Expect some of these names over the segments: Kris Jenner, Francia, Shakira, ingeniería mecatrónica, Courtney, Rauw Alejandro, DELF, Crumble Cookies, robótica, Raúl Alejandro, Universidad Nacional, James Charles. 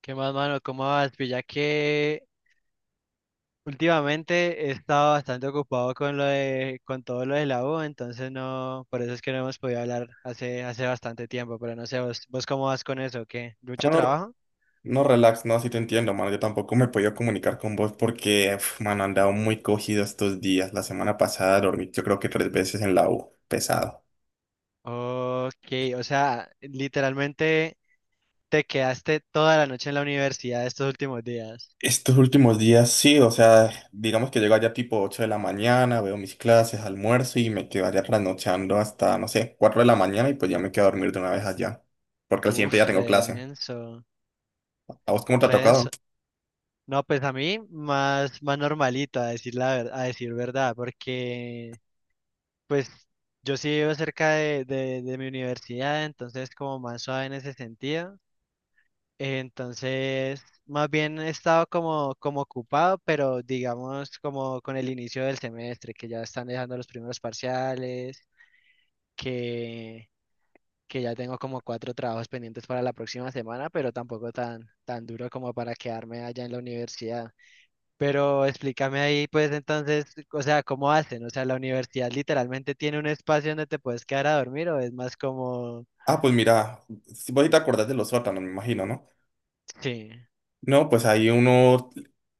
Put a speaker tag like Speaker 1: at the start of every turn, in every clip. Speaker 1: ¿Qué más, mano? ¿Cómo vas? Pues ya que últimamente he estado bastante ocupado con todo lo de la U, entonces no, por eso es que no hemos podido hablar hace bastante tiempo, pero no sé, vos cómo vas con eso, ¿qué?
Speaker 2: No,
Speaker 1: ¿Mucho
Speaker 2: no,
Speaker 1: trabajo?
Speaker 2: no, relax, no, sí te entiendo, mano. Yo tampoco me he podido comunicar con vos porque, uf, mano, he andado muy cogido estos días. La semana pasada dormí, yo creo que tres veces en la U, pesado.
Speaker 1: Ok, o sea, literalmente te quedaste toda la noche en la universidad estos últimos días.
Speaker 2: Estos últimos días sí, o sea, digamos que llego allá tipo 8 de la mañana, veo mis clases, almuerzo y me quedo allá trasnochando hasta, no sé, 4 de la mañana y pues ya me quedo a dormir de una vez allá, porque al siguiente ya
Speaker 1: Uf,
Speaker 2: tengo clase. ¿A vos cómo te ha tocado?
Speaker 1: redenso. No, pues a mí más normalito, a decir verdad, porque Pues yo sí vivo cerca de mi universidad, entonces como más suave en ese sentido. Entonces, más bien he estado como ocupado, pero digamos como con el inicio del semestre, que ya están dejando los primeros parciales, que, que ya tengo como cuatro trabajos pendientes para la próxima semana, pero tampoco tan duro como para quedarme allá en la universidad. Pero explícame ahí, pues entonces, o sea, ¿cómo hacen? O sea, ¿la universidad literalmente tiene un espacio donde te puedes quedar a dormir o es más como...
Speaker 2: Ah, pues mira, si vos sí te acordás de los sótanos, me imagino, ¿no?
Speaker 1: Sí.
Speaker 2: No, pues ahí uno,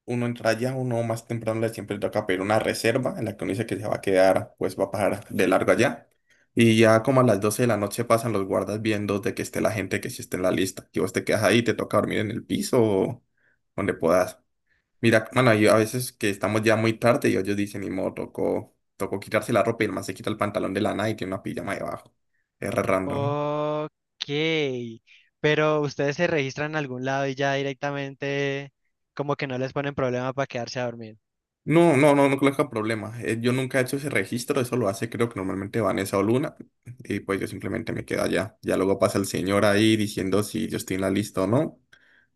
Speaker 2: uno entra ya, uno más temprano le siempre toca pedir una reserva en la que uno dice que se va a quedar, pues va a pasar de largo allá. Y ya como a las 12 de la noche pasan los guardas viendo de que esté la gente que sí esté en la lista. Que vos te quedas ahí, te toca dormir en el piso o donde puedas. Mira, bueno, yo a veces que estamos ya muy tarde y ellos dicen, ni modo, tocó, tocó quitarse la ropa y el man se quita el pantalón de lana y tiene una pijama debajo. Es re random.
Speaker 1: Ok. Pero ustedes se registran en algún lado y ya directamente como que no les ponen problema para quedarse a dormir.
Speaker 2: No, no, no, no coloca problema. Yo nunca he hecho ese registro, eso lo hace creo que normalmente Vanessa o Luna, y pues yo simplemente me quedo allá. Ya luego pasa el señor ahí diciendo si yo estoy en la lista o no,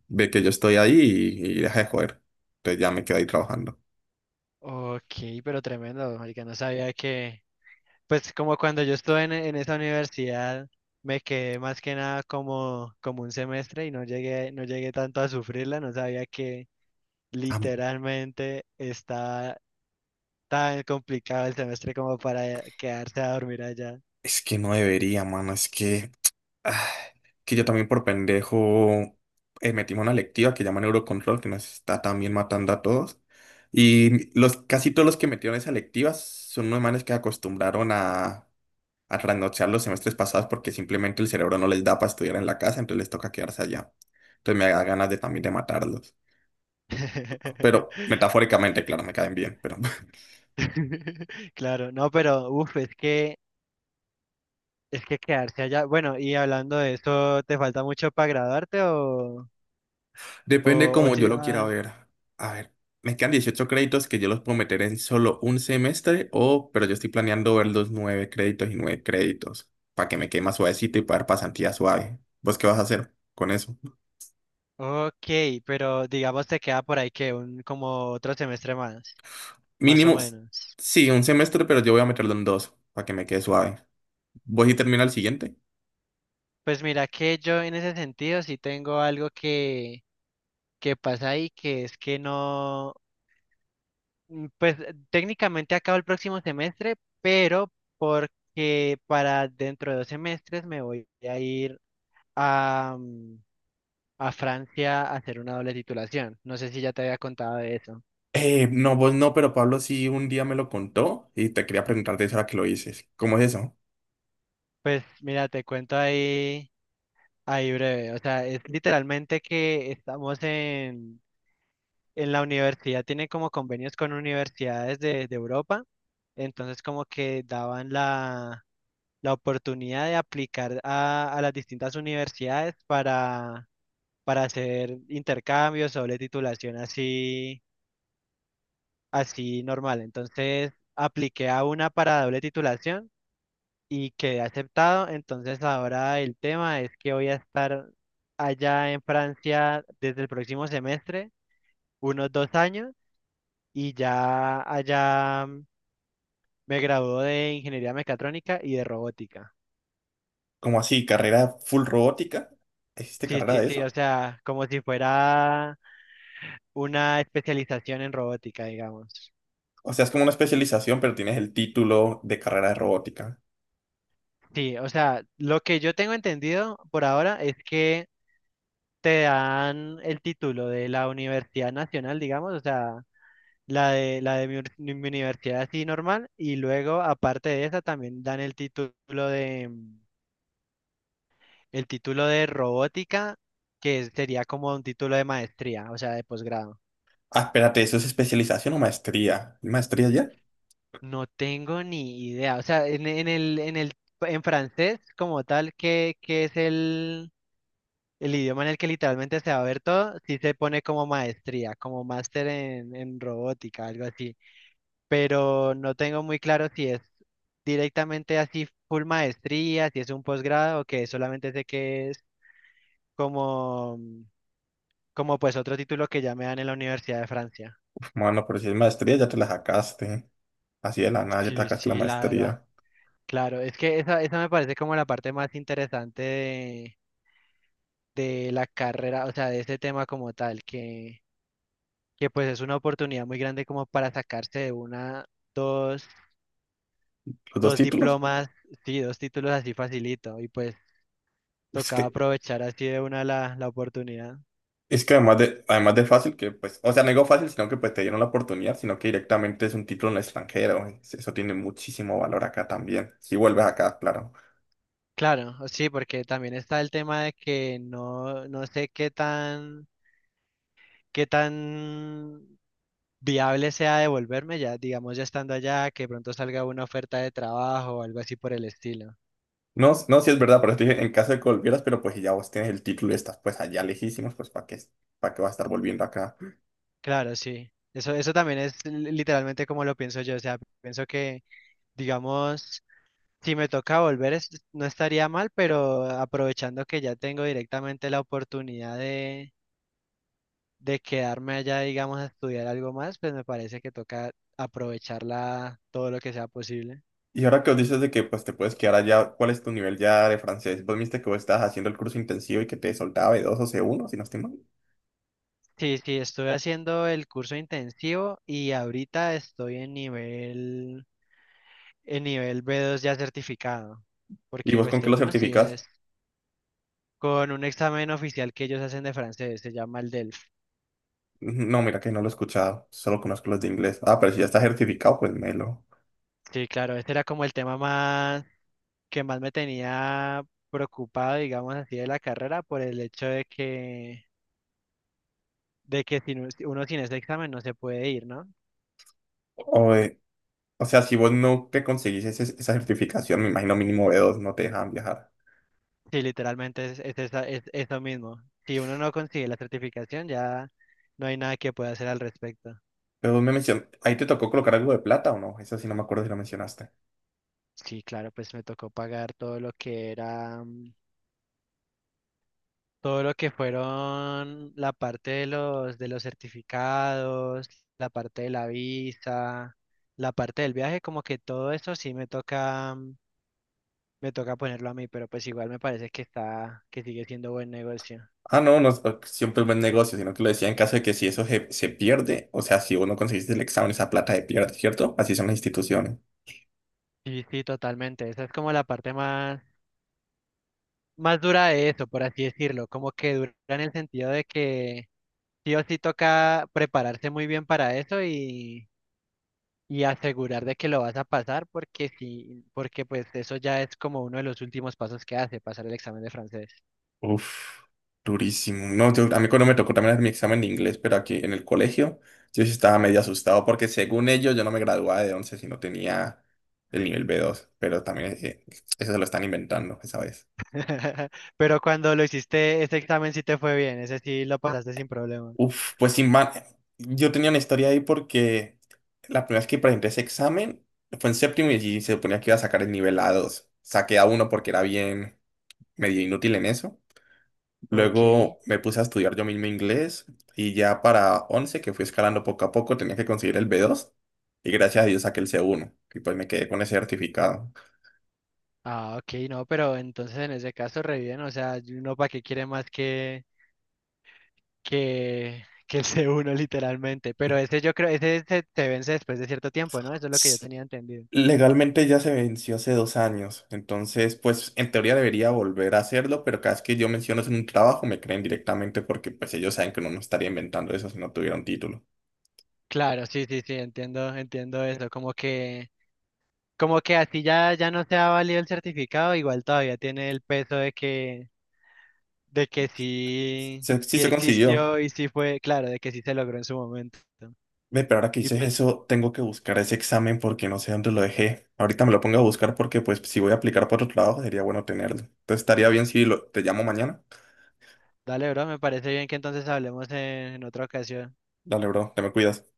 Speaker 2: ve que yo estoy ahí y deja de joder. Entonces ya me quedo ahí trabajando.
Speaker 1: Ok, pero tremendo, marica, no sabía que... Pues como cuando yo estuve en esa universidad, me quedé más que nada como un semestre y no llegué tanto a sufrirla, no sabía que
Speaker 2: Ah,
Speaker 1: literalmente está tan complicado el semestre como para quedarse a dormir allá.
Speaker 2: es que no debería, mano, es que, ah, que yo también por pendejo metimos una lectiva que llaman Eurocontrol, que nos está también matando a todos. Y los, casi todos los que metieron esa lectiva son unos manes que acostumbraron a trasnochar los semestres pasados porque simplemente el cerebro no les da para estudiar en la casa, entonces les toca quedarse allá. Entonces me da ganas de también de matarlos. Pero metafóricamente, claro, me caen bien, pero
Speaker 1: Claro, no, pero uf, es que quedarse allá. Bueno, y hablando de eso, ¿te falta mucho para graduarte
Speaker 2: depende
Speaker 1: o, o
Speaker 2: como yo
Speaker 1: si-
Speaker 2: lo quiera
Speaker 1: ah,
Speaker 2: ver. A ver, me quedan 18 créditos que yo los puedo meter en solo un semestre pero yo estoy planeando ver los 9 créditos y 9 créditos para que me quede más suavecito y para dar pasantía suave. ¿Vos qué vas a hacer con eso?
Speaker 1: Ok, pero digamos te queda por ahí que un como otro semestre más, más o
Speaker 2: Mínimo,
Speaker 1: menos.
Speaker 2: sí, un semestre, pero yo voy a meterlo en dos para que me quede suave. ¿Vos y termina el siguiente?
Speaker 1: Pues mira que yo en ese sentido sí tengo algo que pasa ahí, que es que no. Pues técnicamente acabo el próximo semestre, pero porque para dentro de dos semestres me voy a ir a, a Francia a hacer una doble titulación. No sé si ya te había contado de eso.
Speaker 2: No, vos no, pero Pablo sí un día me lo contó y te quería preguntarte eso ahora que lo dices. ¿Cómo es eso?
Speaker 1: Pues mira, te cuento ahí breve. O sea, es literalmente que estamos en la universidad, tiene como convenios con universidades de Europa. Entonces como que daban la oportunidad de aplicar a las distintas universidades para hacer intercambios o doble titulación así normal. Entonces, apliqué a una para doble titulación y quedé aceptado. Entonces, ahora el tema es que voy a estar allá en Francia desde el próximo semestre, unos dos años, y ya allá me graduó de ingeniería mecatrónica y de robótica.
Speaker 2: ¿Cómo así? ¿Carrera full robótica? ¿Existe
Speaker 1: Sí,
Speaker 2: carrera
Speaker 1: sí,
Speaker 2: de
Speaker 1: sí, o
Speaker 2: eso?
Speaker 1: sea, como si fuera una especialización en robótica, digamos.
Speaker 2: O sea, es como una especialización, pero tienes el título de carrera de robótica.
Speaker 1: Sí, o sea, lo que yo tengo entendido por ahora es que te dan el título de la Universidad Nacional, digamos, o sea, la de mi universidad así normal, y luego, aparte de esa, también dan el título de, el título de robótica, que sería como un título de maestría, o sea, de posgrado.
Speaker 2: Ah, espérate, ¿eso es especialización o maestría? ¿Maestría ya?
Speaker 1: No tengo ni idea, o sea, en el, en francés como tal, ¿qué es el... El idioma en el que literalmente se va a ver todo, sí se pone como maestría, como máster en robótica, algo así. Pero no tengo muy claro si es directamente así full maestría, si es un posgrado o que solamente sé que es como, como pues otro título que ya me dan en la Universidad de Francia.
Speaker 2: Bueno, pero si es maestría ya te la sacaste. Así de la nada ya te
Speaker 1: Sí,
Speaker 2: sacaste la
Speaker 1: sí, la verdad.
Speaker 2: maestría.
Speaker 1: Claro, es que esa me parece como la parte más interesante de la carrera, o sea, de ese tema como tal, que pues es una oportunidad muy grande como para sacarse de una, dos,
Speaker 2: ¿Los dos
Speaker 1: dos
Speaker 2: títulos?
Speaker 1: diplomas, sí, dos títulos así facilito y pues
Speaker 2: Pues es
Speaker 1: tocaba
Speaker 2: que
Speaker 1: aprovechar así de una la oportunidad.
Speaker 2: Es que además de fácil, que pues, o sea, no digo fácil, sino que pues te dieron la oportunidad, sino que directamente es un título en el extranjero. Eso tiene muchísimo valor acá también. Si vuelves acá, claro.
Speaker 1: Claro, sí, porque también está el tema de que no, no sé qué tan viable sea devolverme ya, digamos ya estando allá, que pronto salga una oferta de trabajo o algo así por el estilo.
Speaker 2: No, no, sí es verdad, pero eso te dije, en caso de que volvieras, pero pues si ya vos tienes el título y estás pues allá lejísimos, pues ¿para qué vas a estar volviendo acá?
Speaker 1: Claro, sí. Eso también es li- literalmente como lo pienso yo. O sea, pienso que, digamos, si me toca volver, es- no estaría mal, pero aprovechando que ya tengo directamente la oportunidad de quedarme allá, digamos, a estudiar algo más, pues me parece que toca aprovecharla todo lo que sea posible.
Speaker 2: Y ahora que os dices de que pues te puedes quedar allá, ¿cuál es tu nivel ya de francés? Vos viste que vos estabas haciendo el curso intensivo y que te soltaba B2 o C1 si no estoy mal.
Speaker 1: Sí, sí, estoy haciendo el curso intensivo y ahorita estoy en nivel B2 ya certificado,
Speaker 2: ¿Y
Speaker 1: porque
Speaker 2: vos
Speaker 1: pues
Speaker 2: con qué
Speaker 1: de
Speaker 2: lo
Speaker 1: uno sí
Speaker 2: certificas?
Speaker 1: es con un examen oficial que ellos hacen de francés, se llama el DELF.
Speaker 2: No, mira que no lo he escuchado, solo conozco los de inglés. Ah, pero si ya está certificado, pues melo.
Speaker 1: Sí, claro, este era como el tema más que más me tenía preocupado, digamos así, de la carrera por el hecho de que sin un- uno sin ese examen no se puede ir, ¿no?
Speaker 2: O, eh, o sea, si vos no te conseguís esa certificación, me imagino mínimo B2 no te dejan viajar.
Speaker 1: Sí, literalmente esa- es eso mismo. Si uno no consigue la certificación, ya no hay nada que pueda hacer al respecto.
Speaker 2: Pero vos me mencionaste, ¿ahí te tocó colocar algo de plata o no? Eso sí no me acuerdo si lo mencionaste.
Speaker 1: Sí, claro, pues me tocó pagar todo lo que era, todo lo que fueron la parte de los certificados, la parte de la visa, la parte del viaje, como que todo eso sí me toca me toca ponerlo a mí, pero pues igual me parece que está, que sigue siendo buen negocio.
Speaker 2: Ah, no, no, pues, siempre es buen negocio, sino que lo decía en caso de que si eso se pierde, o sea, si vos no conseguiste el examen, esa plata se pierde, ¿cierto? Así son las instituciones.
Speaker 1: Sí, sí, totalmente. Esa es como la parte más, más dura de eso, por así decirlo. Como que dura en el sentido de que sí o sí toca prepararse muy bien para eso y asegurar de que lo vas a pasar, porque sí, porque pues eso ya es como uno de los últimos pasos que hace, pasar el examen de francés.
Speaker 2: Uf, durísimo. No, a mí cuando me tocó también hacer mi examen de inglés, pero aquí en el colegio, yo sí estaba medio asustado porque según ellos yo no me graduaba de 11 si no tenía el nivel B2, pero también eso se lo están inventando esa vez.
Speaker 1: Pero cuando lo hiciste, ese examen sí te fue bien, ese sí lo pasaste sin problema.
Speaker 2: Uf, pues sin man, yo tenía una historia ahí porque la primera vez que presenté ese examen fue en séptimo y allí se suponía que iba a sacar el nivel A2, saqué A1 porque era bien medio inútil en eso.
Speaker 1: Ok.
Speaker 2: Luego me puse a estudiar yo mismo inglés y ya para 11 que fui escalando poco a poco, tenía que conseguir el B2 y gracias a Dios saqué el C1 y pues me quedé con ese certificado.
Speaker 1: Ah, ok, no, pero entonces en ese caso re bien, o sea, y uno para qué quiere más que ese uno literalmente, pero ese yo creo, se vence después de cierto tiempo, ¿no? Eso es lo que yo
Speaker 2: S-
Speaker 1: tenía entendido.
Speaker 2: Legalmente ya se venció hace 2 años, entonces pues en teoría debería volver a hacerlo, pero cada vez que yo menciono eso en un trabajo me creen directamente porque pues ellos saben que uno no estaría inventando eso si no tuviera un título.
Speaker 1: Claro, sí, sí, sí, entiendo eso, como que así ya, ya no se ha valido el certificado, igual todavía tiene el peso de que sí,
Speaker 2: Sí
Speaker 1: sí
Speaker 2: se consiguió.
Speaker 1: existió y sí fue, claro, de que sí se logró en su momento.
Speaker 2: Ve, pero ahora que
Speaker 1: Y
Speaker 2: dices
Speaker 1: pues,
Speaker 2: eso, tengo que buscar ese examen porque no sé dónde lo dejé. Ahorita me lo pongo a buscar porque, pues, si voy a aplicar por otro trabajo, sería bueno tenerlo. Entonces, estaría bien si lo, te llamo mañana.
Speaker 1: dale, bro, me parece bien que entonces hablemos en otra ocasión.
Speaker 2: Dale, bro, te me cuidas.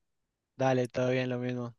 Speaker 1: Dale, todo bien, lo mismo.